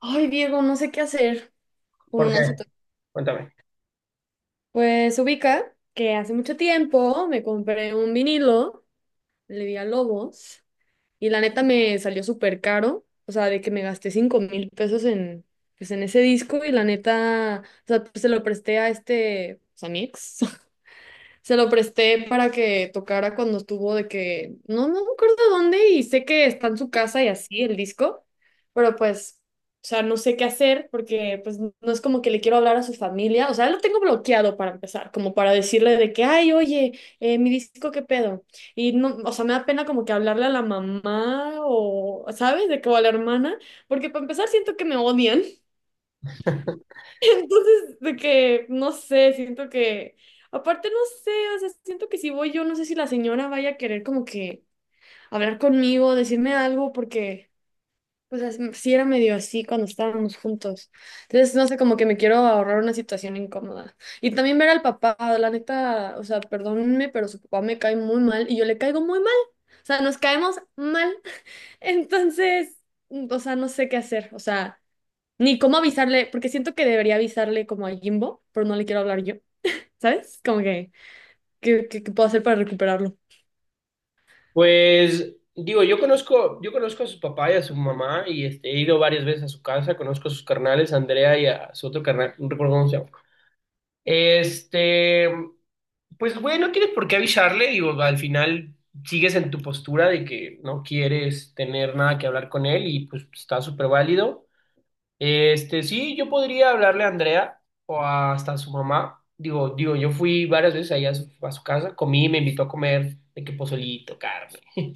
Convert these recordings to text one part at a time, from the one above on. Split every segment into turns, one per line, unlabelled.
Ay, Diego, no sé qué hacer con
¿Por qué?
una situación.
Cuéntame.
Pues ubica que hace mucho tiempo me compré un vinilo, le di a Lobos, y la neta me salió súper caro. O sea, de que me gasté $5,000 en, pues, en ese disco, y la neta, o sea, pues, se lo presté a este, pues, a mi ex. Se lo presté para que tocara cuando estuvo de que, no, no me acuerdo dónde y sé que está en su casa y así el disco, pero pues, o sea, no sé qué hacer porque pues no es como que le quiero hablar a su familia, o sea, lo tengo bloqueado para empezar, como para decirle de que, ay, oye, mi disco, ¿qué pedo? Y no, o sea, me da pena como que hablarle a la mamá o, ¿sabes? De que o a la hermana, porque para empezar siento que me odian. Entonces, de que, no sé, siento que, aparte no sé, o sea, siento que si voy yo, no sé si la señora vaya a querer como que hablar conmigo, decirme algo, porque, pues, as- sí era medio así cuando estábamos juntos. Entonces, no sé, como que me quiero ahorrar una situación incómoda. Y también ver al papá, la neta, o sea, perdónenme, pero su papá me cae muy mal y yo le caigo muy mal. O sea, nos caemos mal. Entonces, o sea, no sé qué hacer, o sea. Ni cómo avisarle, porque siento que debería avisarle como a Jimbo, pero no le quiero hablar yo, ¿sabes? Como que, ¿qué puedo hacer para recuperarlo?
Pues digo, yo conozco a su papá y a su mamá y he ido varias veces a su casa, conozco a sus carnales, a Andrea y a su otro carnal, no recuerdo cómo se llama. Este, pues güey, no tienes por qué avisarle, digo, al final sigues en tu postura de que no quieres tener nada que hablar con él y pues está súper válido. Sí, yo podría hablarle a Andrea o hasta a su mamá. Digo, yo fui varias veces allá a a su casa, comí, me invitó a comer, de que pozolito, carne.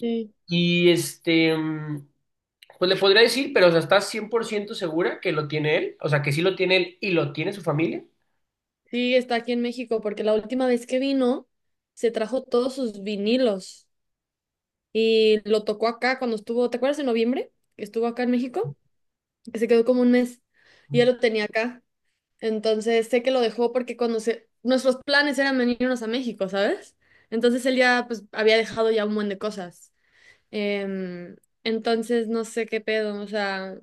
Sí.
Y pues le podría decir, pero o sea, ¿estás 100% segura que lo tiene él? O sea, que sí lo tiene él y lo tiene su familia.
Sí, está aquí en México, porque la última vez que vino, se trajo todos sus vinilos y lo tocó acá cuando estuvo, ¿te acuerdas en noviembre? Que estuvo acá en México, que se quedó como un mes y ya lo tenía acá. Entonces sé que lo dejó porque cuando se, nuestros planes eran venirnos a México, ¿sabes? Entonces él ya pues había dejado ya un buen de cosas. Em, entonces, no sé qué pedo, o sea,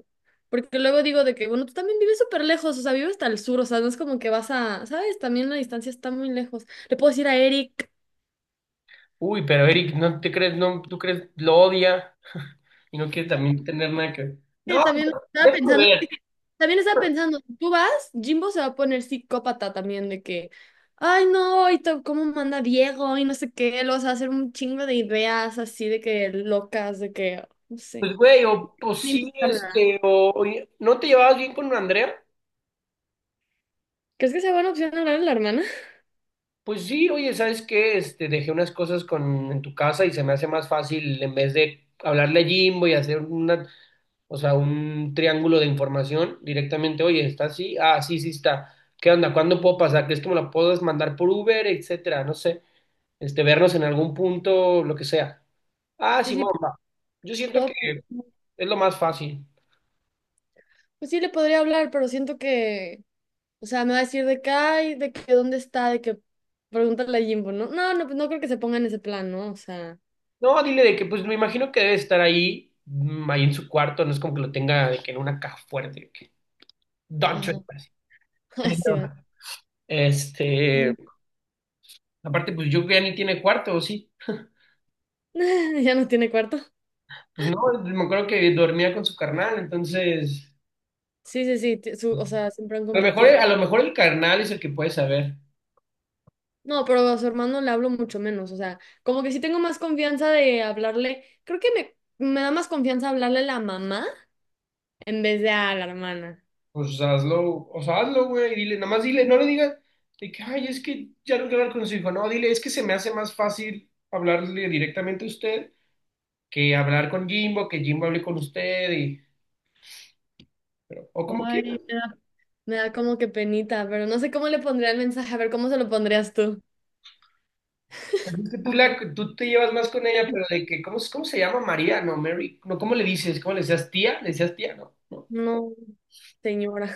porque luego digo de que, bueno, tú también vives súper lejos, o sea, vives hasta el sur, o sea, no es como que vas a, ¿sabes? También la distancia está muy lejos. Le puedo decir a Eric,
Uy, pero Eric, ¿no te crees, no, tú crees, lo odia y no quiere también tener nada que ver?
que
No,
también
pues,
estaba
déjame
pensando,
ver.
también estaba pensando, tú vas, Jimbo se va a poner psicópata también de que, ay, no, y to- cómo manda Diego y no sé qué, lo vas a hacer un chingo de ideas así de que locas, de que, no sé.
Pues, güey, pues
No
sí,
importa nada.
oye, ¿no te llevabas bien con Andrea?
¿Crees que sea buena opción hablar a la hermana?
Pues sí, oye, ¿sabes qué? Dejé unas cosas en tu casa y se me hace más fácil en vez de hablarle a Jimbo y hacer una, o sea, un triángulo de información directamente, oye, ¿está así? Ah, sí, sí está. ¿Qué onda? ¿Cuándo puedo pasar? ¿Crees que me la puedes mandar por Uber, etcétera? No sé, vernos en algún punto, lo que sea. Ah,
Pues
sí,
sí,
mamá. Yo siento que
puedo.
es lo más fácil.
Pues sí le podría hablar, pero siento que, o sea, me va a decir de que, ay, de que dónde está, de que pregúntale a Jimbo, ¿no? No, no, pues no creo que se ponga en ese plan, ¿no? O sea,
No, dile de que, pues me imagino que debe estar ahí, ahí en su cuarto, no es como que lo tenga de que en una caja fuerte, de que
ajá.
Don Chueco, así.
Ay, sí, va.
Este,
Mm.
Aparte, pues yo creo ya ni tiene cuarto, ¿o sí?
Ya no tiene cuarto.
Pues no, me acuerdo que dormía con su carnal, entonces,
Sí, sí, sí, o sea, siempre han
a lo mejor,
compartido.
a lo mejor el carnal es el que puede saber.
No, pero a su hermano le hablo mucho menos, o sea, como que sí tengo más confianza de hablarle, creo que me da más confianza hablarle a la mamá en vez de a la hermana.
Pues hazlo, o sea, hazlo, güey, y dile, nada más dile, no le digas de que, ay, es que ya no quiero hablar con su hijo, no, dile, es que se me hace más fácil hablarle directamente a usted que hablar con Jimbo, que Jimbo hable con usted, y, o como
Ay,
quieras.
me da como que penita, pero no sé cómo le pondría el mensaje, a ver cómo se lo pondrías tú.
Es que tú te llevas más con ella, pero de que, ¿cómo se llama María? No, Mary. No, ¿cómo le dices? ¿Cómo le decías tía? ¿Le decías tía? No, no.
No, señora.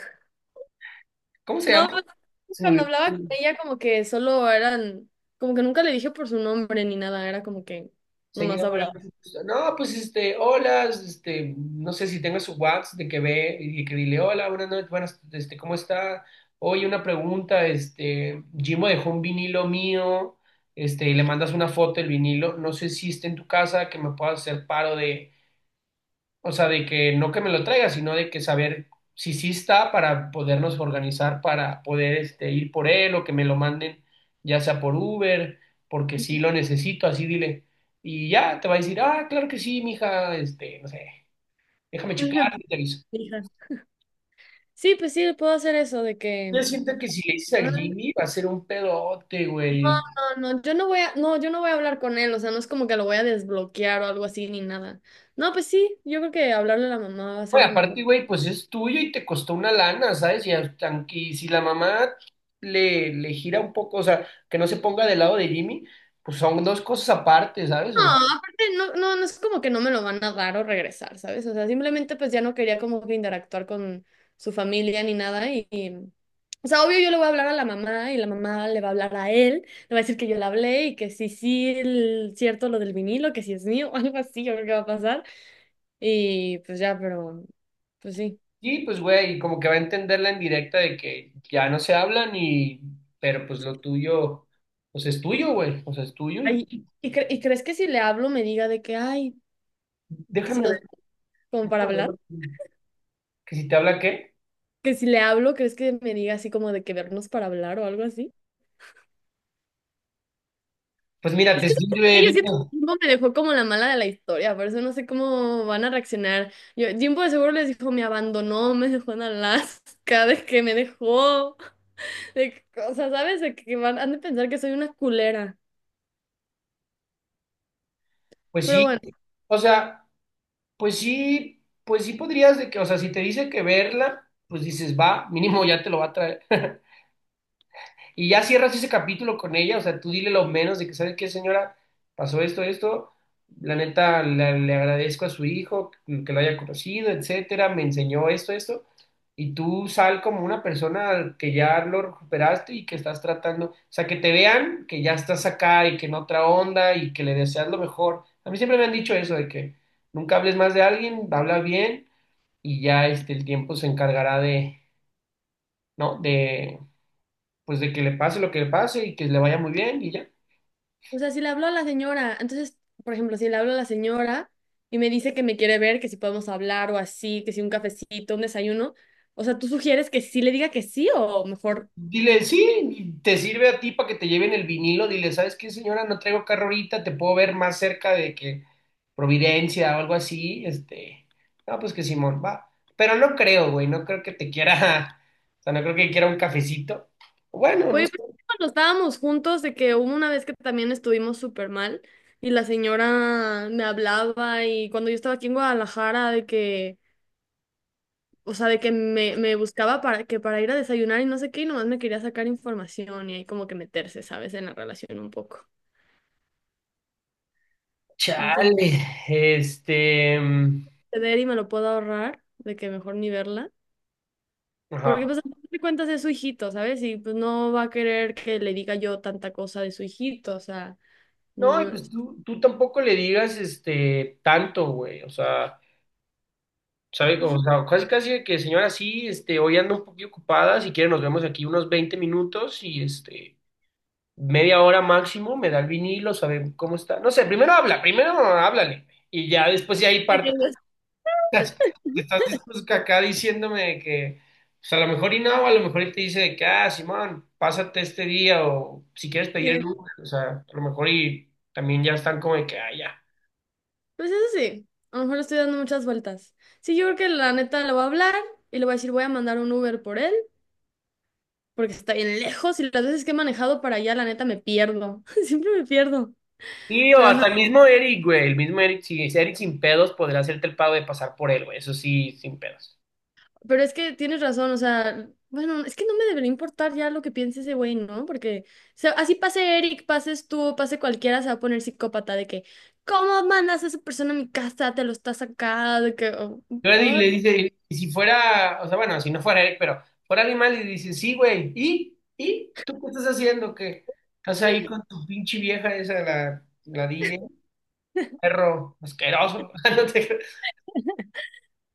¿Cómo se llama?
No, pues,
Se me
cuando hablaba con
olvidó.
ella como que solo eran, como que nunca le dije por su nombre ni nada, era como que nomás
Señora, no,
hablaba.
pues, no, pues, este, hola, no sé si tengo su WhatsApp de que ve y que dile, hola, buenas noches, ¿cómo está? Oye, una pregunta, Jimo dejó un vinilo mío, y le mandas una foto del vinilo, no sé si está en tu casa, que me puedas hacer paro de. O sea, de que no que me lo traiga, sino de que saber si sí está para podernos organizar para poder ir por él o que me lo manden, ya sea por Uber, porque sí lo necesito, así dile. Y ya te va a decir, ah, claro que sí, mija, no sé, déjame checar
Ujú.
y te aviso.
Hija. Sí, pues sí, puedo hacer eso de
Yo
que.
siento que si le dices
Ah.
al Jimmy va a ser un pedote, güey.
No, no, yo no voy a, no, yo no voy a hablar con él, o sea, no es como que lo voy a desbloquear o algo así ni nada. No, pues sí, yo creo que hablarle a la mamá va a ser
Güey,
la mejor.
aparte, güey, pues es tuyo y te costó una lana, ¿sabes? Y hasta que si la mamá le gira un poco, o sea, que no se ponga del lado de Jimmy, pues son dos cosas aparte, ¿sabes?
No,
O sea,
aparte no, no, no es como que no me lo van a dar o regresar, ¿sabes? O sea, simplemente pues ya no quería como que interactuar con su familia ni nada y, y- o sea, obvio yo le voy a hablar a la mamá y la mamá le va a hablar a él, le va a decir que yo le hablé y que sí, sí, el- cierto lo del vinilo, que sí es mío o algo así, yo creo que va a pasar y pues ya, pero pues sí.
sí, pues, güey, como que va a entenderla en directa de que ya no se hablan y, pero pues lo tuyo, pues es tuyo, güey, o sea, es tuyo
Ay,
y
y cre- ¿y crees que si le hablo me diga de que, ay, que
déjame
si
ver,
nos, como para
déjame
hablar?
ver que si te habla qué,
Que si le hablo, ¿crees que me diga así como de que vernos para hablar o algo así?
pues mira,
Es
te
que ¿sabes
sirve,
qué? Yo siento que
digo,
Jimbo me dejó como la mala de la historia, por eso no sé cómo van a reaccionar. Yo, Jimbo de seguro les dijo, me abandonó, me dejó en Alaska, de que me dejó, de que- o sea, ¿sabes? De que van, han de pensar que soy una culera.
pues
Pero
sí,
bueno,
o sea... pues sí podrías de que, o sea, si te dice que verla, pues dices, va, mínimo ya te lo va a traer. Y ya cierras ese capítulo con ella, o sea, tú dile lo menos de que, ¿sabes qué, señora? Pasó esto, esto. La neta, le agradezco a su hijo que lo haya conocido, etcétera. Me enseñó esto, esto. Y tú sal como una persona que ya lo recuperaste y que estás tratando. O sea, que te vean que ya estás acá y que en otra onda y que le deseas lo mejor. A mí siempre me han dicho eso, de que nunca hables más de alguien, habla bien y ya el tiempo se encargará de, ¿no? De pues de que le pase lo que le pase y que le vaya muy bien y ya.
o sea, si le hablo a la señora, entonces, por ejemplo, si le hablo a la señora y me dice que me quiere ver, que si podemos hablar o así, que si un cafecito, un desayuno, o sea, ¿tú sugieres que sí le diga que sí o mejor?
Dile, sí, te sirve a ti para que te lleven el vinilo. Dile, ¿sabes qué, señora? No traigo carro ahorita, te puedo ver más cerca de que Providencia o algo así. No, pues que Simón, va. Pero no creo, güey, no creo que te quiera, o sea, no creo que quiera un cafecito. Bueno, no
Oye,
sé.
pero cuando estábamos juntos, de que hubo una vez que también estuvimos súper mal y la señora me hablaba y cuando yo estaba aquí en Guadalajara, de que, o sea, de que me buscaba para, que para ir a desayunar y no sé qué, y nomás me quería sacar información y ahí como que meterse, ¿sabes? En la relación un poco. Entonces,
Chale, este, mm,
ceder y me lo puedo ahorrar, de que mejor ni verla. Porque
ajá.
pues a fin de cuentas es su hijito, ¿sabes? Y pues no va a querer que le diga yo tanta cosa de su hijito, o sea, no
No, y
me...
pues tú tampoco le digas, tanto, güey, o sea. ¿Sabe
Pues
cómo? O
sí.
sea, casi casi que señora, sí, hoy ando un poquito ocupada, si quiere nos vemos aquí unos 20 minutos y media hora máximo, me da el vinilo, sabe cómo está. No sé, primero habla, primero háblale y ya después de ahí parto. Estás dispuesto acá diciéndome que, pues a lo mejor y no, a lo mejor y te dice de que, ah, Simón, pásate este día o si quieres pedir el Uber, o sea, a lo mejor y también ya están como de que, ah, ya.
Pues eso sí, a lo mejor le estoy dando muchas vueltas. Sí, yo creo que la neta le voy a hablar y le voy a decir, voy a mandar un Uber por él, porque está bien lejos y las veces que he manejado para allá, la neta me pierdo. Siempre me pierdo.
Sí, o
Pero ajá,
hasta el mismo Eric, güey. El mismo Eric, si es Eric sin pedos, podría hacerte el pago de pasar por él, güey. Eso sí, sin pedos.
pero es que tienes razón, o sea, bueno, es que no me debería importar ya lo que piense ese güey, ¿no? Porque o sea, así pase Eric, pases tú, pase cualquiera, se va a poner psicópata de que, ¿cómo mandas a esa persona a mi casa? Te lo estás acá, de que, oh.
Le dice, y si fuera, o sea, bueno, si no fuera Eric, pero fuera alguien más, le dice, sí, güey. ¿Y? ¿Y? ¿Tú qué estás haciendo? ¿Qué estás ahí con tu pinche vieja esa, la DJ? Perro, asqueroso. No te-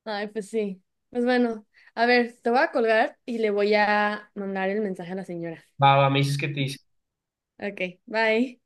Ay, pues sí. Pues bueno, a ver, te voy a colgar y le voy a mandar el mensaje a la señora.
Va, va, me dices que te dice.
Ok, bye.